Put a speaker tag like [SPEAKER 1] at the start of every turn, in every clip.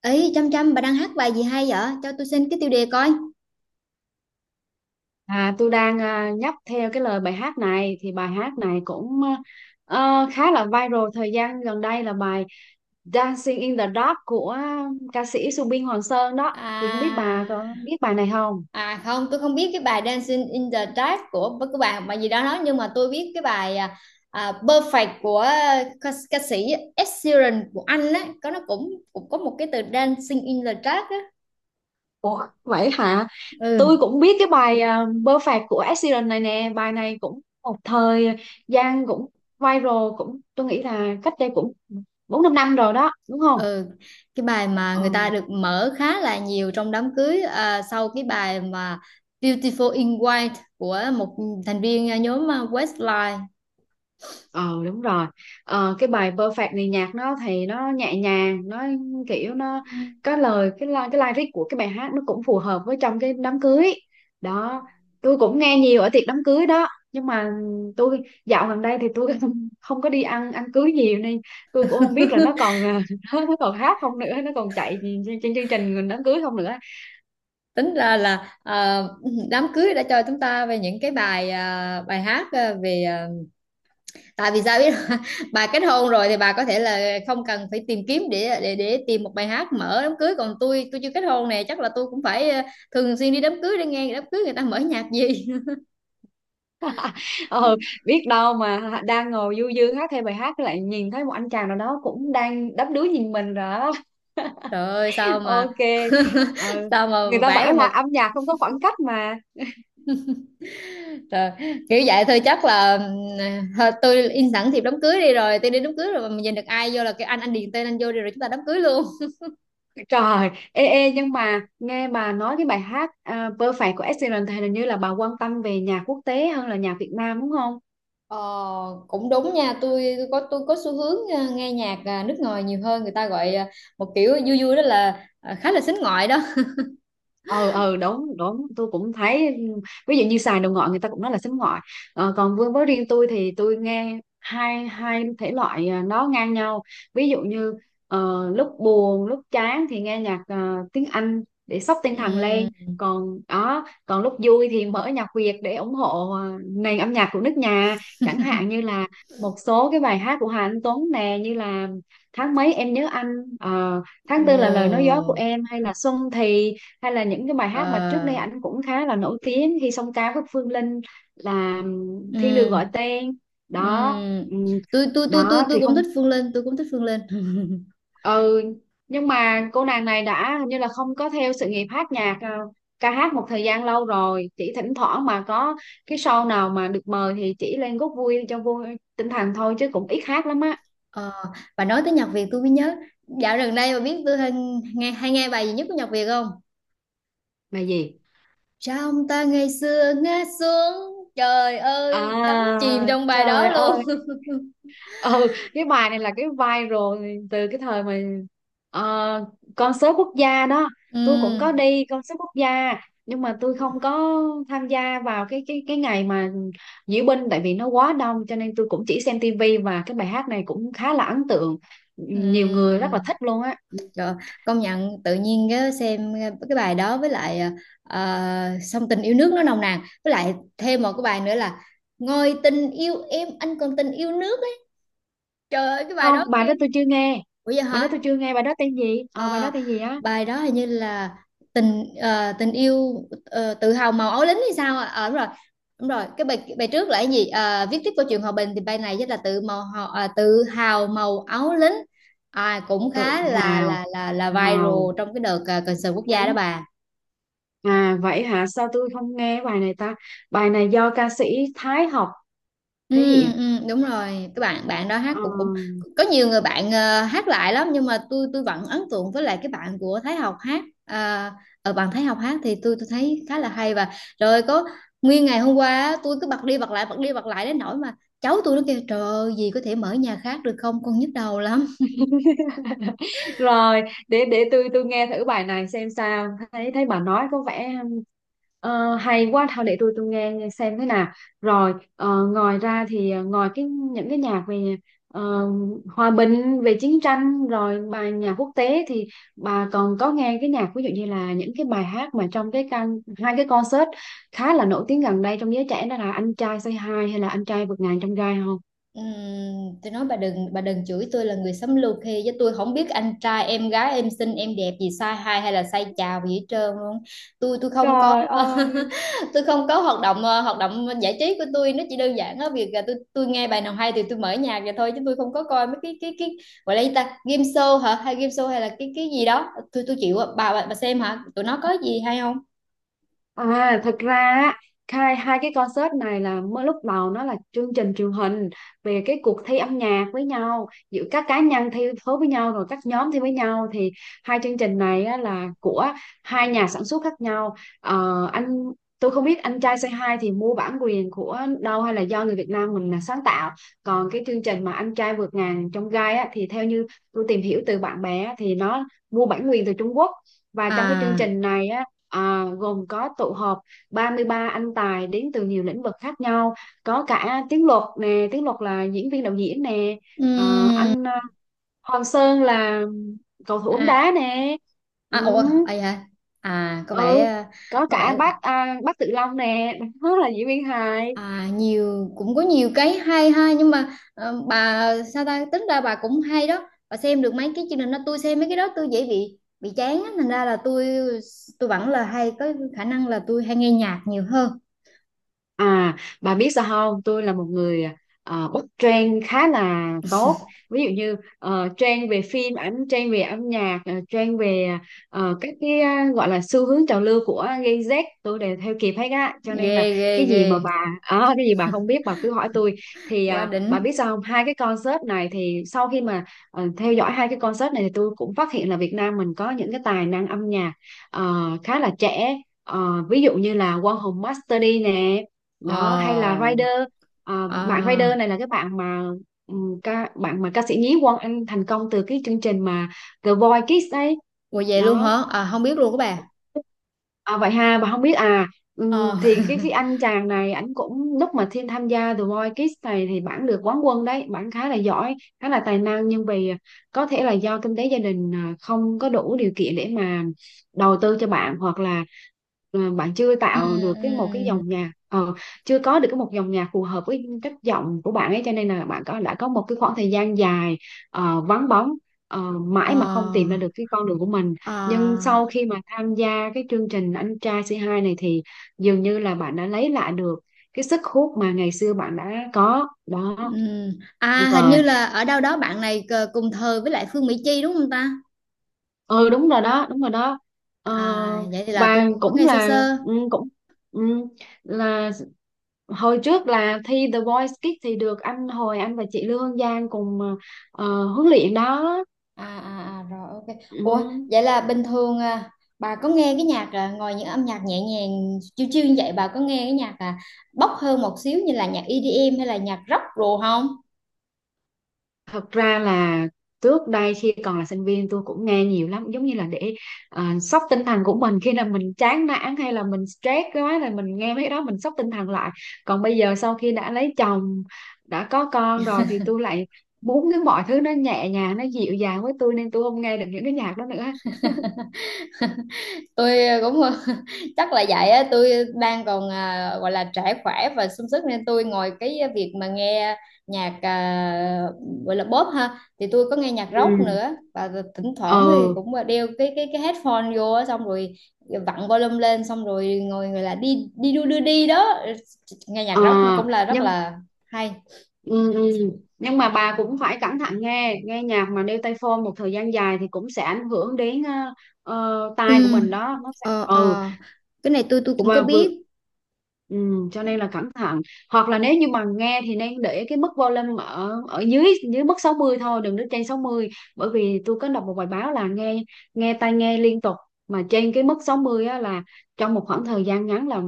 [SPEAKER 1] Ấy chăm chăm bà đang hát bài gì hay vậy cho tôi xin cái tiêu đề coi.
[SPEAKER 2] Tôi đang nhấp theo cái lời bài hát này thì bài hát này cũng khá là viral thời gian gần đây là bài Dancing in the Dark của ca sĩ Subin Hoàng Sơn đó thì không biết bà có
[SPEAKER 1] À,
[SPEAKER 2] biết bài này không?
[SPEAKER 1] à không, tôi không biết cái bài Dancing in the Dark của bạn mà gì đó nói, nhưng mà tôi biết cái bài Perfect của ca sĩ Ed Sheeran của Anh á, có nó cũng cũng có một cái từ Dancing in the Dark á.
[SPEAKER 2] Ủa vậy hả?
[SPEAKER 1] Ừ,
[SPEAKER 2] Tôi cũng biết cái bài Perfect của Ed Sheeran này nè, bài này cũng một thời gian cũng viral, cũng tôi nghĩ là cách đây cũng bốn năm năm rồi đó đúng không?
[SPEAKER 1] ừ. Cái bài mà
[SPEAKER 2] Ờ.
[SPEAKER 1] người ta được mở khá là nhiều trong đám cưới, sau cái bài mà Beautiful in White của một thành viên nhóm Westlife.
[SPEAKER 2] Ờ đúng rồi. Cái bài Perfect này nhạc nó thì nó nhẹ nhàng, nó kiểu nó
[SPEAKER 1] Ừ.
[SPEAKER 2] có lời, cái lyric của cái bài hát nó cũng phù hợp với trong cái đám cưới đó. Tôi cũng nghe nhiều ở tiệc đám cưới đó, nhưng mà tôi dạo gần đây thì tôi không, không có đi ăn ăn cưới nhiều nên tôi cũng không biết là nó còn nó còn hát không nữa, nó còn chạy trên chương trình đám cưới không nữa.
[SPEAKER 1] Tính ra là đám cưới đã cho chúng ta về những cái bài bài hát về tại vì sao biết không? Bà kết hôn rồi thì bà có thể là không cần phải tìm kiếm để tìm một bài hát mở đám cưới, còn tôi chưa kết hôn nè, chắc là tôi cũng phải thường xuyên đi đám cưới để nghe đám cưới người ta mở nhạc gì.
[SPEAKER 2] Ờ, biết đâu mà đang ngồi du dương hát theo bài hát lại nhìn thấy một anh chàng nào đó cũng đang đắm đuối nhìn mình rồi.
[SPEAKER 1] Trời ơi sao mà
[SPEAKER 2] OK. Ờ,
[SPEAKER 1] sao mà
[SPEAKER 2] người ta
[SPEAKER 1] vẽ ra
[SPEAKER 2] bảo là
[SPEAKER 1] một
[SPEAKER 2] âm nhạc không có khoảng cách mà.
[SPEAKER 1] trời, kiểu vậy thôi. Chắc là thôi tôi in sẵn thiệp đám cưới đi, rồi tôi đi đám cưới, rồi mà mình nhìn được ai vô là cái anh điền tên anh vô đi, rồi chúng ta đám cưới luôn.
[SPEAKER 2] Trời, ê ê, nhưng mà nghe bà nói cái bài hát Perfect của Ed Sheeran thì hình như là bà quan tâm về nhạc quốc tế hơn là nhạc Việt Nam đúng không?
[SPEAKER 1] Ờ, cũng đúng nha, tôi tôi có xu hướng nghe nhạc nước ngoài nhiều hơn, người ta gọi một kiểu vui vui đó là khá là sính ngoại đó.
[SPEAKER 2] Ờ ờ, đúng đúng, tôi cũng thấy, ví dụ như xài đồ ngọi người ta cũng nói là sánh ngọi. Còn với riêng tôi thì tôi nghe hai hai thể loại nó ngang nhau. Ví dụ như lúc buồn lúc chán thì nghe nhạc tiếng Anh để xốc tinh thần lên,
[SPEAKER 1] Ừm,
[SPEAKER 2] còn đó còn lúc vui thì mở nhạc Việt để ủng hộ nền âm nhạc của nước nhà. Chẳng hạn như là một số cái bài hát của Hà Anh Tuấn nè, như là Tháng Mấy Em Nhớ Anh, Tháng
[SPEAKER 1] ồ,
[SPEAKER 2] Tư Là Lời Nói Gió Của Em, hay là Xuân Thì, hay là những cái bài
[SPEAKER 1] ờ,
[SPEAKER 2] hát mà trước đây ảnh cũng khá là nổi tiếng Hy Song Ca với Phương Linh là Thiên Đường Gọi
[SPEAKER 1] ừm,
[SPEAKER 2] Tên đó.
[SPEAKER 1] ừm.
[SPEAKER 2] Ừm,
[SPEAKER 1] tôi tôi tôi tôi
[SPEAKER 2] đó
[SPEAKER 1] tôi
[SPEAKER 2] thì
[SPEAKER 1] cũng
[SPEAKER 2] không.
[SPEAKER 1] thích Phương Linh, tôi cũng thích Phương Linh.
[SPEAKER 2] Ừ, nhưng mà cô nàng này đã hình như là không có theo sự nghiệp hát nhạc, ca hát một thời gian lâu rồi, chỉ thỉnh thoảng mà có cái show nào mà được mời thì chỉ lên góp vui cho vui tinh thần thôi chứ cũng ít hát lắm á.
[SPEAKER 1] Ờ, bà nói tới nhạc Việt tôi mới nhớ, dạo gần đây bà biết tôi hay hay nghe bài gì nhất của nhạc Việt không?
[SPEAKER 2] Bài gì?
[SPEAKER 1] Trong ta ngày xưa ngã xuống, trời ơi, đắm chìm
[SPEAKER 2] À
[SPEAKER 1] trong bài đó
[SPEAKER 2] trời
[SPEAKER 1] luôn.
[SPEAKER 2] ơi, ừ, cái bài này là cái viral từ cái thời mà ờ, concert quốc gia đó.
[SPEAKER 1] Ừ,
[SPEAKER 2] Tôi cũng có đi concert quốc gia nhưng mà tôi không có tham gia vào cái ngày mà diễu binh, tại vì nó quá đông cho nên tôi cũng chỉ xem tivi. Và cái bài hát này cũng khá là ấn tượng, nhiều người
[SPEAKER 1] ừ,
[SPEAKER 2] rất là thích luôn á.
[SPEAKER 1] rồi. Công nhận tự nhiên cái xem cái bài đó, với lại song tình yêu nước nó nồng nàn, với lại thêm một cái bài nữa là ngồi tình yêu em anh còn tình yêu nước ấy. Trời ơi cái bài
[SPEAKER 2] Không,
[SPEAKER 1] đó
[SPEAKER 2] bài
[SPEAKER 1] ghê.
[SPEAKER 2] đó tôi chưa nghe,
[SPEAKER 1] Ủa vậy
[SPEAKER 2] bài đó
[SPEAKER 1] hả?
[SPEAKER 2] tôi chưa nghe, bài đó tên gì, ờ bài đó
[SPEAKER 1] Ờ,
[SPEAKER 2] tên gì á?
[SPEAKER 1] bài đó hình như là tình yêu tự hào màu áo lính hay sao ạ? Ờ đúng rồi, đúng rồi. Cái bài bài trước là cái gì? Ờ, viết tiếp câu chuyện hòa bình, thì bài này rất là tự hào màu áo lính, à, cũng khá
[SPEAKER 2] Tự
[SPEAKER 1] là
[SPEAKER 2] hào
[SPEAKER 1] viral
[SPEAKER 2] màu
[SPEAKER 1] trong cái đợt concert quốc gia đó
[SPEAKER 2] cánh.
[SPEAKER 1] bà.
[SPEAKER 2] À vậy hả? Sao tôi không nghe bài này ta? Bài này do ca sĩ Thái Học thể
[SPEAKER 1] Ừ,
[SPEAKER 2] hiện.
[SPEAKER 1] ừ, đúng rồi. Các bạn bạn đó hát
[SPEAKER 2] Ờ,
[SPEAKER 1] cũng cũng có nhiều người bạn hát lại lắm, nhưng mà tôi vẫn ấn tượng với lại cái bạn của Thái Học hát, à, ở bạn Thái Học hát thì tôi thấy khá là hay. Và rồi có nguyên ngày hôm qua á, tôi cứ bật đi bật lại bật đi bật lại đến nỗi mà cháu tôi nó kêu trời ơi, gì có thể mở nhà khác được không, con nhức đầu lắm.
[SPEAKER 2] rồi, để để tôi nghe thử bài này xem sao, thấy thấy bà nói có vẻ hay quá. Thôi để tôi nghe nghe xem thế nào. Rồi ngoài ra thì ngoài cái những cái nhạc về ờ, hòa bình về chiến tranh rồi bài nhạc quốc tế thì bà còn có nghe cái nhạc ví dụ như là những cái bài hát mà trong cái can hai cái concert khá là nổi tiếng gần đây trong giới trẻ đó là Anh Trai Say Hi hay là Anh Trai Vượt Ngàn Chông Gai không?
[SPEAKER 1] Ừm, tôi nói bà đừng, chửi tôi là người sống lưu khi, chứ tôi không biết anh trai em gái em xinh em đẹp gì sai hay hay là sai chào gì hết trơn luôn, tôi không có.
[SPEAKER 2] Trời ơi.
[SPEAKER 1] Tôi không có hoạt động hoạt động giải trí của tôi nó chỉ đơn giản á, việc là tôi nghe bài nào hay thì tôi mở nhạc vậy thôi, chứ tôi không có coi mấy cái gọi là gì ta, game show hả, hay game show hay là cái gì đó tôi chịu ạ. Bà bà xem hả, tụi nó có gì hay không?
[SPEAKER 2] À, thật ra á, hai hai cái concert này là mới, lúc đầu nó là chương trình truyền hình về cái cuộc thi âm nhạc với nhau, giữa các cá nhân thi đấu với nhau rồi các nhóm thi với nhau. Thì hai chương trình này á, là của hai nhà sản xuất khác nhau. Ờ, anh Tôi không biết Anh Trai Say Hi thì mua bản quyền của đâu hay là do người Việt Nam mình là sáng tạo, còn cái chương trình mà Anh Trai Vượt Ngàn Trong Gai á, thì theo như tôi tìm hiểu từ bạn bè á, thì nó mua bản quyền từ Trung Quốc. Và trong cái chương
[SPEAKER 1] À,
[SPEAKER 2] trình này á gồm có tụ họp 33 anh tài đến từ nhiều lĩnh vực khác nhau, có cả Tiếng Luật nè, Tiếng Luật là diễn viên đạo diễn nè, Ờ,
[SPEAKER 1] ừm,
[SPEAKER 2] anh à, Hoàng Sơn là cầu thủ bóng
[SPEAKER 1] à,
[SPEAKER 2] đá nè. Ừ.
[SPEAKER 1] à ủa ai hả, à có vẻ
[SPEAKER 2] Ừ, có
[SPEAKER 1] có
[SPEAKER 2] cả
[SPEAKER 1] vẻ.
[SPEAKER 2] bác bác Tự Long nè, đó là diễn viên hài.
[SPEAKER 1] À, nhiều, cũng có nhiều cái hay ha, nhưng mà ờ, bà sao ta, tính ra bà cũng hay đó, bà xem được mấy cái chương trình đó. Tôi xem mấy cái đó tôi dễ bị chán á, thành ra là tôi vẫn là hay có khả năng là tôi hay nghe nhạc nhiều hơn.
[SPEAKER 2] À, bà biết sao không? Tôi là một người bắt trend khá là tốt. Ví dụ như trend về phim ảnh, trend về âm nhạc, trend về gọi là xu hướng trào lưu của Gen Z tôi đều theo kịp hết á. Cho nên
[SPEAKER 1] Ghê
[SPEAKER 2] là
[SPEAKER 1] ghê
[SPEAKER 2] cái
[SPEAKER 1] ghê,
[SPEAKER 2] gì mà bà cái gì bà không biết bà cứ hỏi tôi. Thì
[SPEAKER 1] quá đỉnh.
[SPEAKER 2] bà biết sao không? Hai cái concert này thì sau khi mà theo dõi hai cái concert này thì tôi cũng phát hiện là Việt Nam mình có những cái tài năng âm nhạc ờ, khá là trẻ. Ờ, ví dụ như là Quang Hùng Master D nè, đó hay là
[SPEAKER 1] Ờ,
[SPEAKER 2] Rider.
[SPEAKER 1] à,
[SPEAKER 2] Bạn Rider này là cái bạn mà ca sĩ nhí Quang Anh thành công từ cái chương trình mà The Voice Kids đấy
[SPEAKER 1] ủa vậy luôn
[SPEAKER 2] đó.
[SPEAKER 1] hả, à, không biết luôn các bà.
[SPEAKER 2] À, vậy ha, bà không biết à? Ừm,
[SPEAKER 1] Ờ
[SPEAKER 2] thì cái anh chàng này ảnh cũng, lúc mà Thiên tham gia The Voice Kids này thì bản được quán quân đấy, bản khá là giỏi khá là tài năng. Nhưng vì có thể là do kinh tế gia đình không có đủ điều kiện để mà đầu tư cho bạn, hoặc là bạn chưa
[SPEAKER 1] ừ,
[SPEAKER 2] tạo được một cái dòng
[SPEAKER 1] ừ,
[SPEAKER 2] nhạc, chưa có được một dòng nhạc phù hợp với chất giọng của bạn ấy, cho nên là bạn có đã có một cái khoảng thời gian dài vắng bóng,
[SPEAKER 1] ờ,
[SPEAKER 2] mãi mà không tìm ra được cái con đường của mình. Nhưng sau
[SPEAKER 1] à.
[SPEAKER 2] khi mà tham gia cái chương trình Anh Trai C Hai này thì dường như là bạn đã lấy lại được cái sức hút mà ngày xưa bạn đã có đó.
[SPEAKER 1] Ừm,
[SPEAKER 2] Đúng
[SPEAKER 1] À hình
[SPEAKER 2] rồi,
[SPEAKER 1] như là ở đâu đó bạn này cùng thời với lại Phương Mỹ Chi đúng không ta?
[SPEAKER 2] ừ đúng rồi đó, đúng rồi đó. ờ,
[SPEAKER 1] À vậy thì là tôi
[SPEAKER 2] và
[SPEAKER 1] có
[SPEAKER 2] cũng
[SPEAKER 1] nghe sơ
[SPEAKER 2] là
[SPEAKER 1] sơ.
[SPEAKER 2] ừ, cũng ừ, là hồi trước là thi The Voice Kids thì được anh và chị Lương Giang cùng huấn luyện đó.
[SPEAKER 1] À à à rồi, ok. Ủa
[SPEAKER 2] Ừ.
[SPEAKER 1] vậy là bình thường bà có nghe cái nhạc, ngoài những âm nhạc nhẹ nhàng chill chill như vậy, bà có nghe cái nhạc bốc hơn một xíu như là nhạc EDM hay là nhạc rock rồi không?
[SPEAKER 2] Thật ra là trước đây khi còn là sinh viên tôi cũng nghe nhiều lắm, giống như là để sốc tinh thần của mình khi là mình chán nản, hay là mình stress quá là mình nghe mấy cái đó mình sốc tinh thần lại. Còn bây giờ sau khi đã lấy chồng đã có con rồi thì tôi lại muốn cái mọi thứ nó nhẹ nhàng nó dịu dàng với tôi, nên tôi không nghe được những cái nhạc đó nữa.
[SPEAKER 1] Tôi cũng chắc là vậy á, tôi đang còn gọi là trẻ khỏe và sung sức nên tôi ngồi cái việc mà nghe nhạc, gọi là pop ha, thì tôi có nghe nhạc rock
[SPEAKER 2] Ừ.
[SPEAKER 1] nữa, và thỉnh thoảng thì
[SPEAKER 2] Ừ.
[SPEAKER 1] cũng đeo cái headphone vô á, xong rồi vặn volume lên xong rồi ngồi gọi là đi đi đu đưa đi đó. Nghe nhạc
[SPEAKER 2] ờ,
[SPEAKER 1] rock cũng là rất
[SPEAKER 2] nhưng
[SPEAKER 1] là hay.
[SPEAKER 2] Ừ, ừ. Nhưng mà bà cũng phải cẩn thận, nghe nghe nhạc mà đeo tai phone một thời gian dài thì cũng sẽ ảnh hưởng đến
[SPEAKER 1] Ừ,
[SPEAKER 2] tai của mình đó, nó sẽ ừ
[SPEAKER 1] ờ. Cái này tôi cũng có
[SPEAKER 2] và vừa
[SPEAKER 1] biết.
[SPEAKER 2] ừ, cho nên là cẩn thận. Hoặc là nếu như mà nghe thì nên để cái mức volume ở ở dưới dưới mức 60 thôi, đừng để trên sáu mươi, bởi vì tôi có đọc một bài báo là nghe nghe tai nghe liên tục mà trên cái mức 60 á, là trong một khoảng thời gian ngắn là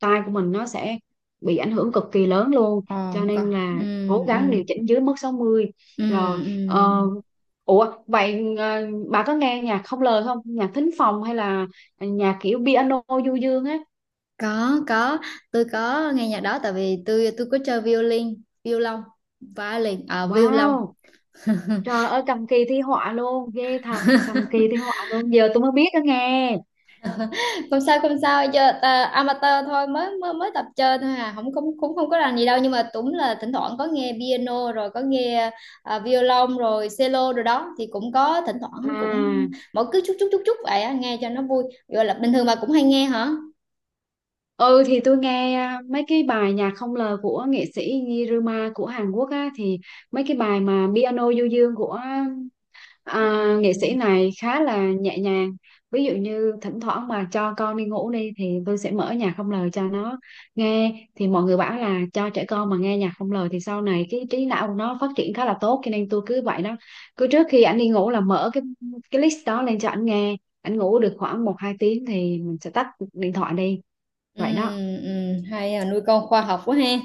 [SPEAKER 2] tai của mình nó sẽ bị ảnh hưởng cực kỳ lớn luôn,
[SPEAKER 1] Ờ,
[SPEAKER 2] cho
[SPEAKER 1] không có.
[SPEAKER 2] nên
[SPEAKER 1] Ừ,
[SPEAKER 2] là cố gắng
[SPEAKER 1] ừ,
[SPEAKER 2] điều chỉnh dưới mức sáu mươi.
[SPEAKER 1] ừ,
[SPEAKER 2] Rồi,
[SPEAKER 1] ừ.
[SPEAKER 2] ờ, ủa vậy bà có nghe nhạc không lời không, nhạc thính phòng hay là nhạc kiểu piano du dương á?
[SPEAKER 1] Có, tôi có nghe nhạc đó tại vì tôi có chơi violin violon, violin à violon.
[SPEAKER 2] Wow, trời ơi cầm kỳ thi họa luôn, ghê thật, cầm kỳ thi họa luôn, giờ tôi mới biết đó nghe.
[SPEAKER 1] Không sao không sao, chơi ta, amateur thôi, mới mới mới tập chơi thôi, à không không, cũng không có làm gì đâu, nhưng mà cũng là thỉnh thoảng có nghe piano rồi có nghe violon rồi cello rồi đó, thì cũng có thỉnh thoảng cũng
[SPEAKER 2] À,
[SPEAKER 1] mỗi cứ chút chút chút chút vậy á, nghe cho nó vui gọi là. Bình thường bà cũng hay nghe hả?
[SPEAKER 2] ừ thì tôi nghe mấy cái bài nhạc không lời của nghệ sĩ Niruma của Hàn Quốc á, thì mấy cái bài mà piano du dương của à, nghệ
[SPEAKER 1] Ừ
[SPEAKER 2] sĩ này khá là nhẹ nhàng. Ví dụ như thỉnh thoảng mà cho con đi ngủ đi thì tôi sẽ mở nhạc không lời cho nó nghe. Thì mọi người bảo là cho trẻ con mà nghe nhạc không lời thì sau này cái trí não của nó phát triển khá là tốt, cho nên tôi cứ vậy đó, cứ trước khi ảnh đi ngủ là mở cái list đó lên cho ảnh nghe. Ảnh ngủ được khoảng một hai tiếng thì mình sẽ tắt điện thoại đi,
[SPEAKER 1] ừ
[SPEAKER 2] vậy đó.
[SPEAKER 1] ừ. Hay à, nuôi con khoa học quá ha.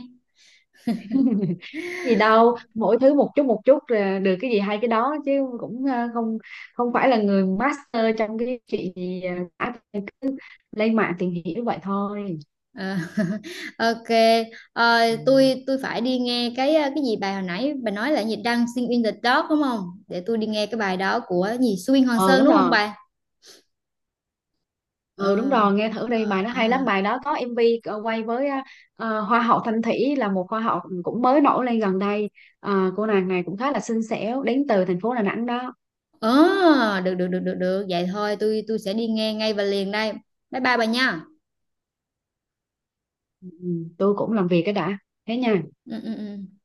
[SPEAKER 2] Gì đâu, mỗi thứ một chút là được, cái gì hay cái đó chứ, cũng không không phải là người master trong cái chuyện gì cả. Cứ lên mạng tìm hiểu vậy thôi.
[SPEAKER 1] Ờ, ok. Ờ, tôi phải đi nghe cái cái gì bài hồi nãy bà nói là gì, Dancing in the Dark đúng không, để tôi đi nghe cái bài đó của gì Suyên Hoàng
[SPEAKER 2] Ừ
[SPEAKER 1] Sơn
[SPEAKER 2] đúng
[SPEAKER 1] đúng không
[SPEAKER 2] rồi,
[SPEAKER 1] bà?
[SPEAKER 2] ừ đúng
[SPEAKER 1] Ờ,
[SPEAKER 2] rồi, nghe thử đi, bài nó
[SPEAKER 1] ờ.
[SPEAKER 2] hay lắm, bài đó có MV quay với hoa hậu Thanh Thủy, là một hoa hậu cũng mới nổi lên gần đây. Ờ, cô nàng này cũng khá là xinh xẻo, đến từ thành phố Đà Nẵng đó.
[SPEAKER 1] Ờ, được được được được được vậy thôi, tôi sẽ đi nghe ngay và liền đây, bye bye bà nha.
[SPEAKER 2] Ừ, tôi cũng làm việc cái đã, thế nha.
[SPEAKER 1] Ừ ừ ừ.